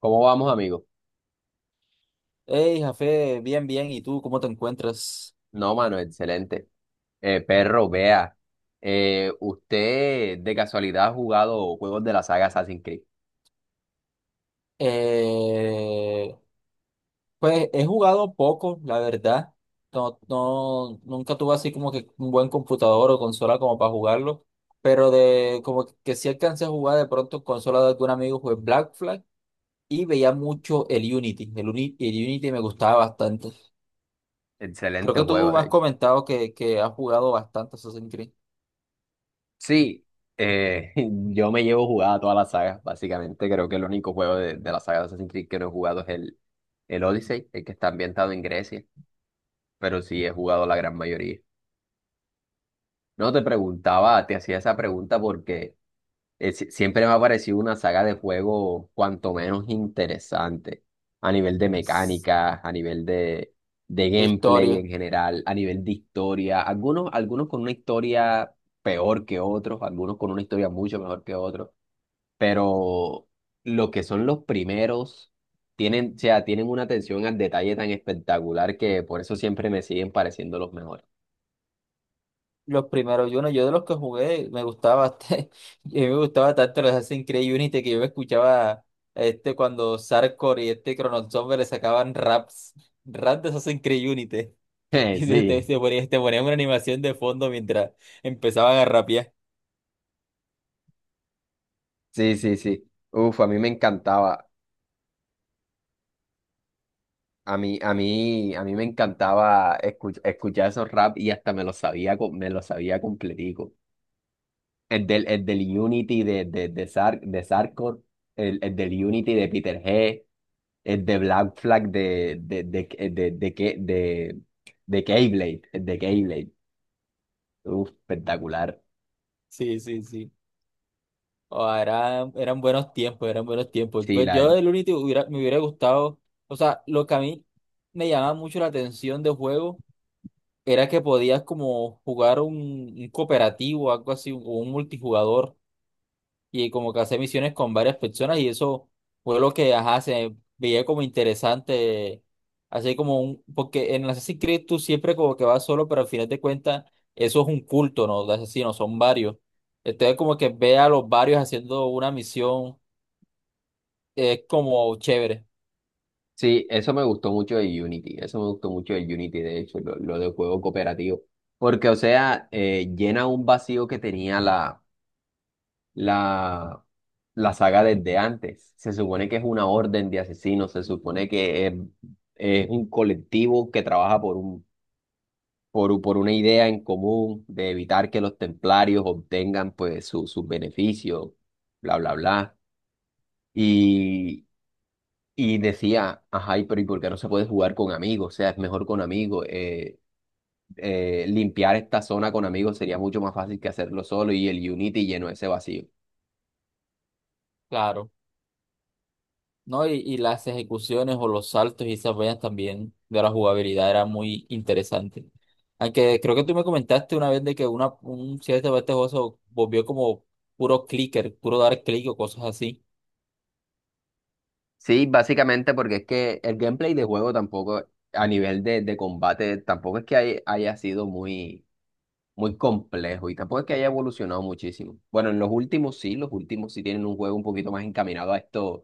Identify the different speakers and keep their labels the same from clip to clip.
Speaker 1: ¿Cómo vamos, amigo?
Speaker 2: Hey, Jafé, bien, bien. ¿Y tú cómo te encuentras?
Speaker 1: No, mano, excelente. Perro, vea, usted de casualidad ha jugado juegos de la saga Assassin's Creed.
Speaker 2: Eh, pues he jugado poco, la verdad. No, no, nunca tuve así como que un buen computador o consola como para jugarlo. Pero de como que sí alcancé a jugar de pronto en consola de algún amigo, jugué Black Flag y veía mucho el Unity. El Unity me gustaba bastante. Creo
Speaker 1: Excelente
Speaker 2: que
Speaker 1: juego,
Speaker 2: tú me
Speaker 1: de
Speaker 2: has
Speaker 1: hecho.
Speaker 2: comentado que has jugado bastante Assassin's Creed
Speaker 1: Sí, eh, yo me llevo jugada toda la saga, básicamente. Creo que el único juego de la saga de Assassin's Creed que no he jugado es el Odyssey, el que está ambientado en Grecia, pero sí he jugado la gran mayoría. No te preguntaba, te hacía esa pregunta porque siempre me ha parecido una saga de juego cuanto menos interesante a nivel de mecánica, a nivel de
Speaker 2: de
Speaker 1: gameplay
Speaker 2: historia.
Speaker 1: en general, a nivel de historia. Algunos, algunos con una historia peor que otros, algunos con una historia mucho mejor que otros, pero lo que son los primeros tienen, o sea, tienen una atención al detalle tan espectacular que por eso siempre me siguen pareciendo los mejores.
Speaker 2: Los primeros Uno, yo de los que jugué me gustaba bastante, y a mí me gustaba tanto los Assassin's Creed Unity que yo me escuchaba este cuando Sarkor y este Chrono Trigger le sacaban raps, raps de Assassin's Creed Unity y te, te-
Speaker 1: Sí,
Speaker 2: te ponía- te ponían una animación de fondo mientras empezaban a rapear.
Speaker 1: sí, sí, sí. Uf, a mí me encantaba. A mí me encantaba escuchar esos rap y hasta me los sabía, me los sabía completico. El del Unity de Sarkor, el del Unity de Peter G, el de Black Flag de Keyblade, el de Keyblade. Uf, espectacular.
Speaker 2: Sí, sí, sí. Oh, eran buenos tiempos, eran buenos tiempos.
Speaker 1: Sí,
Speaker 2: Pues
Speaker 1: la,
Speaker 2: yo del Unity hubiera, me hubiera gustado, o sea, lo que a mí me llamaba mucho la atención de juego era que podías como jugar un cooperativo, algo así, o un multijugador, y como que hacer misiones con varias personas, y eso fue lo que, ajá, se veía como interesante, así como un, porque en Assassin's Creed tú siempre como que vas solo, pero al final de cuentas eso es un culto, ¿no? De asesinos, son varios. Entonces como que ve a los varios haciendo una misión, es como chévere,
Speaker 1: sí, eso me gustó mucho de Unity, eso me gustó mucho de Unity, de hecho, lo de juego cooperativo. Porque, o sea, llena un vacío que tenía la, la saga desde antes. Se supone que es una orden de asesinos, se supone que es un colectivo que trabaja por por una idea en común de evitar que los templarios obtengan pues sus beneficios, bla, bla, bla. Y, y decía, ajá, ¿y por qué no se puede jugar con amigos? O sea, es mejor con amigos. Limpiar esta zona con amigos sería mucho más fácil que hacerlo solo y el Unity llenó ese vacío.
Speaker 2: claro. ¿No? Y las ejecuciones o los saltos y esas vainas también de la jugabilidad era muy interesante. Aunque creo que tú me comentaste una vez de que una, un cierto parte de este juego se volvió como puro clicker, puro dar clic o cosas así.
Speaker 1: Sí, básicamente porque es que el gameplay de juego tampoco, a nivel de combate, tampoco es que haya sido muy, muy complejo y tampoco es que haya evolucionado muchísimo. Bueno, en los últimos sí tienen un juego un poquito más encaminado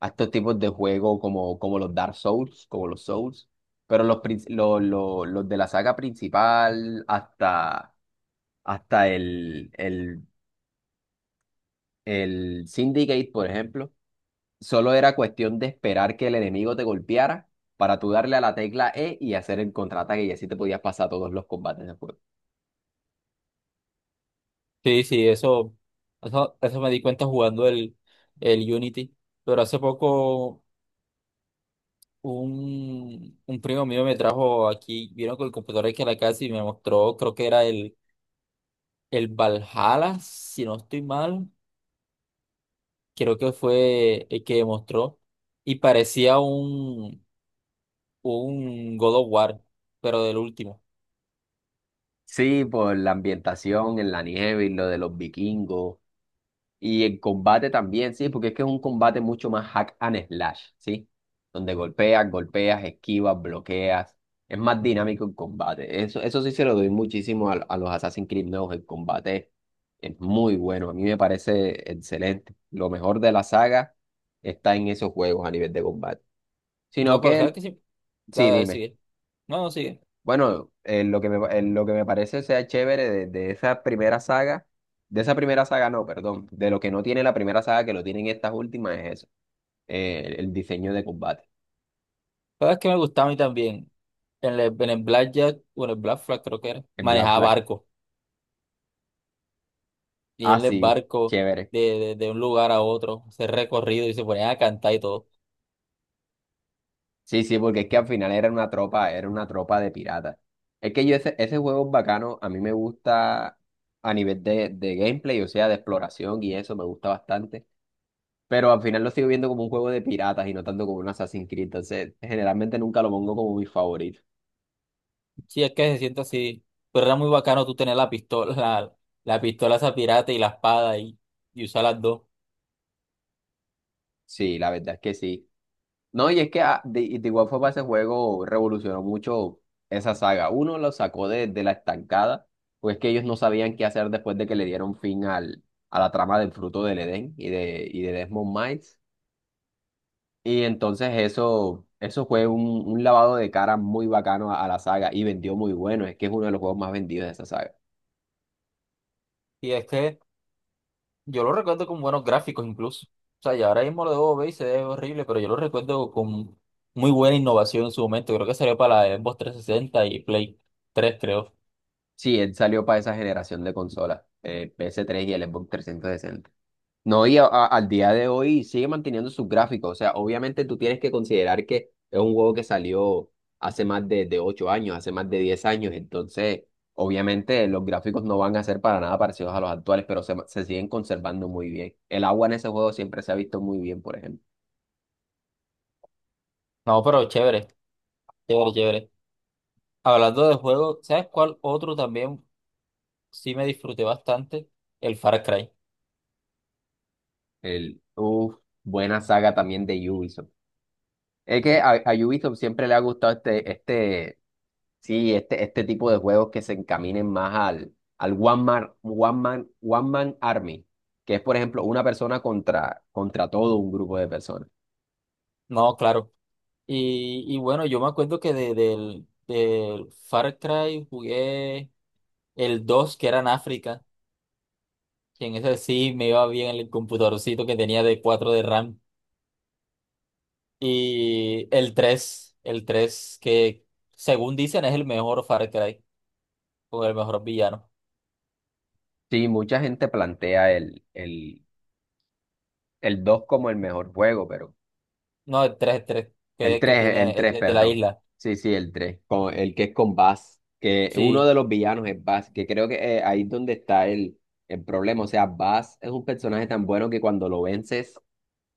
Speaker 1: a estos tipos de juego como los Dark Souls, como los Souls, pero los de la saga principal hasta el Syndicate, por ejemplo. Solo era cuestión de esperar que el enemigo te golpeara para tú darle a la tecla E y hacer el contraataque y así te podías pasar todos los combates del juego.
Speaker 2: Sí, sí, eso me di cuenta jugando el Unity. Pero hace poco un primo mío me trajo aquí, vino con el computador aquí a la casa y me mostró, creo que era el Valhalla, si no estoy mal. Creo que fue el que demostró, y parecía un God of War, pero del último.
Speaker 1: Sí, por la ambientación en la nieve y lo de los vikingos. Y en combate también, sí, porque es que es un combate mucho más hack and slash, ¿sí? Donde golpeas, golpeas, esquivas, bloqueas. Es más dinámico el combate. Eso sí se lo doy muchísimo a los Assassin's Creed nuevos. El combate es muy bueno. A mí me parece excelente. Lo mejor de la saga está en esos juegos a nivel de combate. Sino
Speaker 2: No, pero sabes
Speaker 1: que,
Speaker 2: que sí,
Speaker 1: sí,
Speaker 2: sabes,
Speaker 1: dime.
Speaker 2: sigue. No, no sigue.
Speaker 1: Bueno, en lo que me, en lo que me parece o sea chévere de esa primera saga, de esa primera saga no, perdón, de lo que no tiene la primera saga que lo tienen estas últimas es eso, el diseño de combate
Speaker 2: Sabes que me gustaba a mí también. En el Blackjack, o en el Black Flag creo que era,
Speaker 1: en Black
Speaker 2: manejaba
Speaker 1: Flag.
Speaker 2: barco. Y
Speaker 1: Ah,
Speaker 2: en el
Speaker 1: sí,
Speaker 2: barco
Speaker 1: chévere.
Speaker 2: de un lugar a otro, ese recorrido y se ponían a cantar y todo.
Speaker 1: Sí, sí, porque es que al final era una tropa de piratas. Es que yo ese juego es bacano, a mí me gusta a nivel de gameplay, o sea, de exploración y eso, me gusta bastante. Pero al final lo sigo viendo como un juego de piratas y no tanto como un Assassin's Creed. Entonces, generalmente nunca lo pongo como mi favorito.
Speaker 2: Sí, es que se siente así. Pero era muy bacano tú tener la pistola, la pistola esa pirata y la espada y usar las dos.
Speaker 1: Sí, la verdad es que sí. No, y es que de igual forma ese juego revolucionó mucho esa saga. Uno lo sacó de la estancada, pues que ellos no sabían qué hacer después de que le dieron fin al, a la trama del Fruto del Edén y de Desmond Miles. Y entonces eso fue un lavado de cara muy bacano a la saga y vendió muy bueno. Es que es uno de los juegos más vendidos de esa saga.
Speaker 2: Y es que yo lo recuerdo con buenos gráficos incluso. O sea, y ahora mismo lo debo ver y se ve horrible, pero yo lo recuerdo con muy buena innovación en su momento. Creo que salió para la Xbox 360 y Play 3, creo.
Speaker 1: Sí, él salió para esa generación de consolas, PS3 y el Xbox 360. No, y al día de hoy sigue manteniendo sus gráficos. O sea, obviamente tú tienes que considerar que es un juego que salió hace más de 8 años, hace más de 10 años. Entonces, obviamente los gráficos no van a ser para nada parecidos a los actuales, pero se siguen conservando muy bien. El agua en ese juego siempre se ha visto muy bien, por ejemplo.
Speaker 2: No, pero chévere, chévere, chévere. Hablando de juegos, ¿sabes cuál otro también sí me disfruté bastante? El Far Cry.
Speaker 1: Uf, buena saga también de Ubisoft. Es que a Ubisoft siempre le ha gustado este. Sí, este tipo de juegos que se encaminen más al One Man Army, que es, por ejemplo, una persona contra todo un grupo de personas.
Speaker 2: No, claro. Y bueno, yo me acuerdo que del Far Cry jugué el 2 que era en África, que en ese sí me iba bien el computadorcito que tenía de 4 de RAM. Y el tres, el 3 que según dicen es el mejor Far Cry, o el mejor villano.
Speaker 1: Sí, mucha gente plantea el 2 como el mejor juego, pero
Speaker 2: No, el tres, el tres
Speaker 1: el
Speaker 2: que
Speaker 1: tres,
Speaker 2: tiene
Speaker 1: el
Speaker 2: el
Speaker 1: tres,
Speaker 2: de la
Speaker 1: perdón.
Speaker 2: isla.
Speaker 1: Sí, sí, el 3 con, el que es con Bass, que uno
Speaker 2: Sí,
Speaker 1: de los villanos es Bass, que creo que ahí es donde está el problema. O sea, Bass es un personaje tan bueno que cuando lo vences,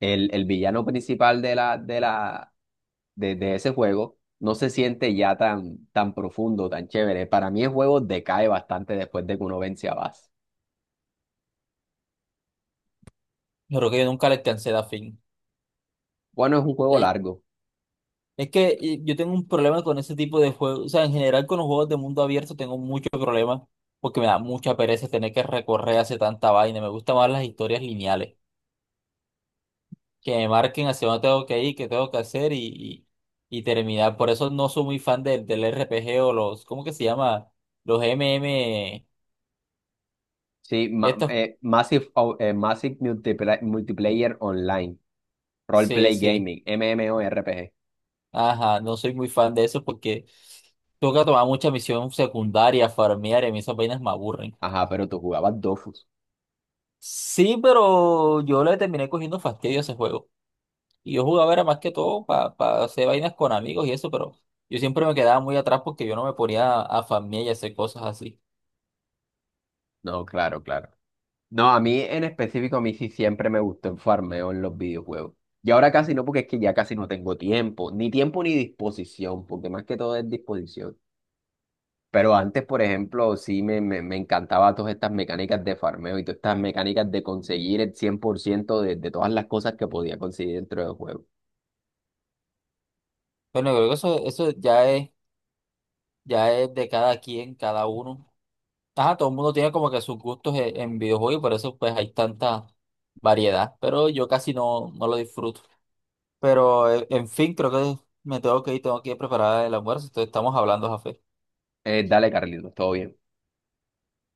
Speaker 1: el villano principal de la, de ese juego no se siente ya tan, tan profundo, tan chévere. Para mí el juego decae bastante después de que uno vence a Bass.
Speaker 2: yo creo que yo nunca le alcancé a dar fin.
Speaker 1: Bueno, es un juego
Speaker 2: Eh,
Speaker 1: largo.
Speaker 2: Es que yo tengo un problema con ese tipo de juegos. O sea, en general con los juegos de mundo abierto tengo muchos problemas porque me da mucha pereza tener que recorrer hacia tanta vaina. Me gustan más las historias lineales, que me marquen hacia dónde tengo que ir, qué tengo que hacer y terminar. Por eso no soy muy fan del RPG o los, ¿cómo que se llama? Los MM,
Speaker 1: Sí, ma-
Speaker 2: estos,
Speaker 1: eh, Massive, o- eh, Massive Multipla- Multiplayer Online,
Speaker 2: sí,
Speaker 1: Roleplay
Speaker 2: sí,
Speaker 1: Gaming, MMORPG.
Speaker 2: ajá, no soy muy fan de eso porque toca tomar mucha misión secundaria, farmear y a mí esas vainas me aburren.
Speaker 1: Ajá, pero tú jugabas Dofus.
Speaker 2: Sí, pero yo le terminé cogiendo fastidio a ese juego. Y yo jugaba era más que todo para hacer vainas con amigos y eso, pero yo siempre me quedaba muy atrás porque yo no me ponía a farmear y a hacer cosas así.
Speaker 1: No, claro, claro. No, a mí en específico, a mí sí siempre me gustó el farmeo en los videojuegos. Y ahora casi no, porque es que ya casi no tengo tiempo ni disposición, porque más que todo es disposición. Pero antes, por ejemplo, sí me encantaba todas estas mecánicas de farmeo y todas estas mecánicas de conseguir el 100% de todas las cosas que podía conseguir dentro del juego.
Speaker 2: Bueno, creo que eso ya es ya es de cada quien, cada uno. Ajá, todo el mundo tiene como que sus gustos en videojuegos y por eso pues hay tanta variedad. Pero yo casi no, no lo disfruto. Pero en fin, creo que me tengo que ir preparada el almuerzo. Entonces estamos hablando, Jafé.
Speaker 1: Dale, Carlitos, todo bien.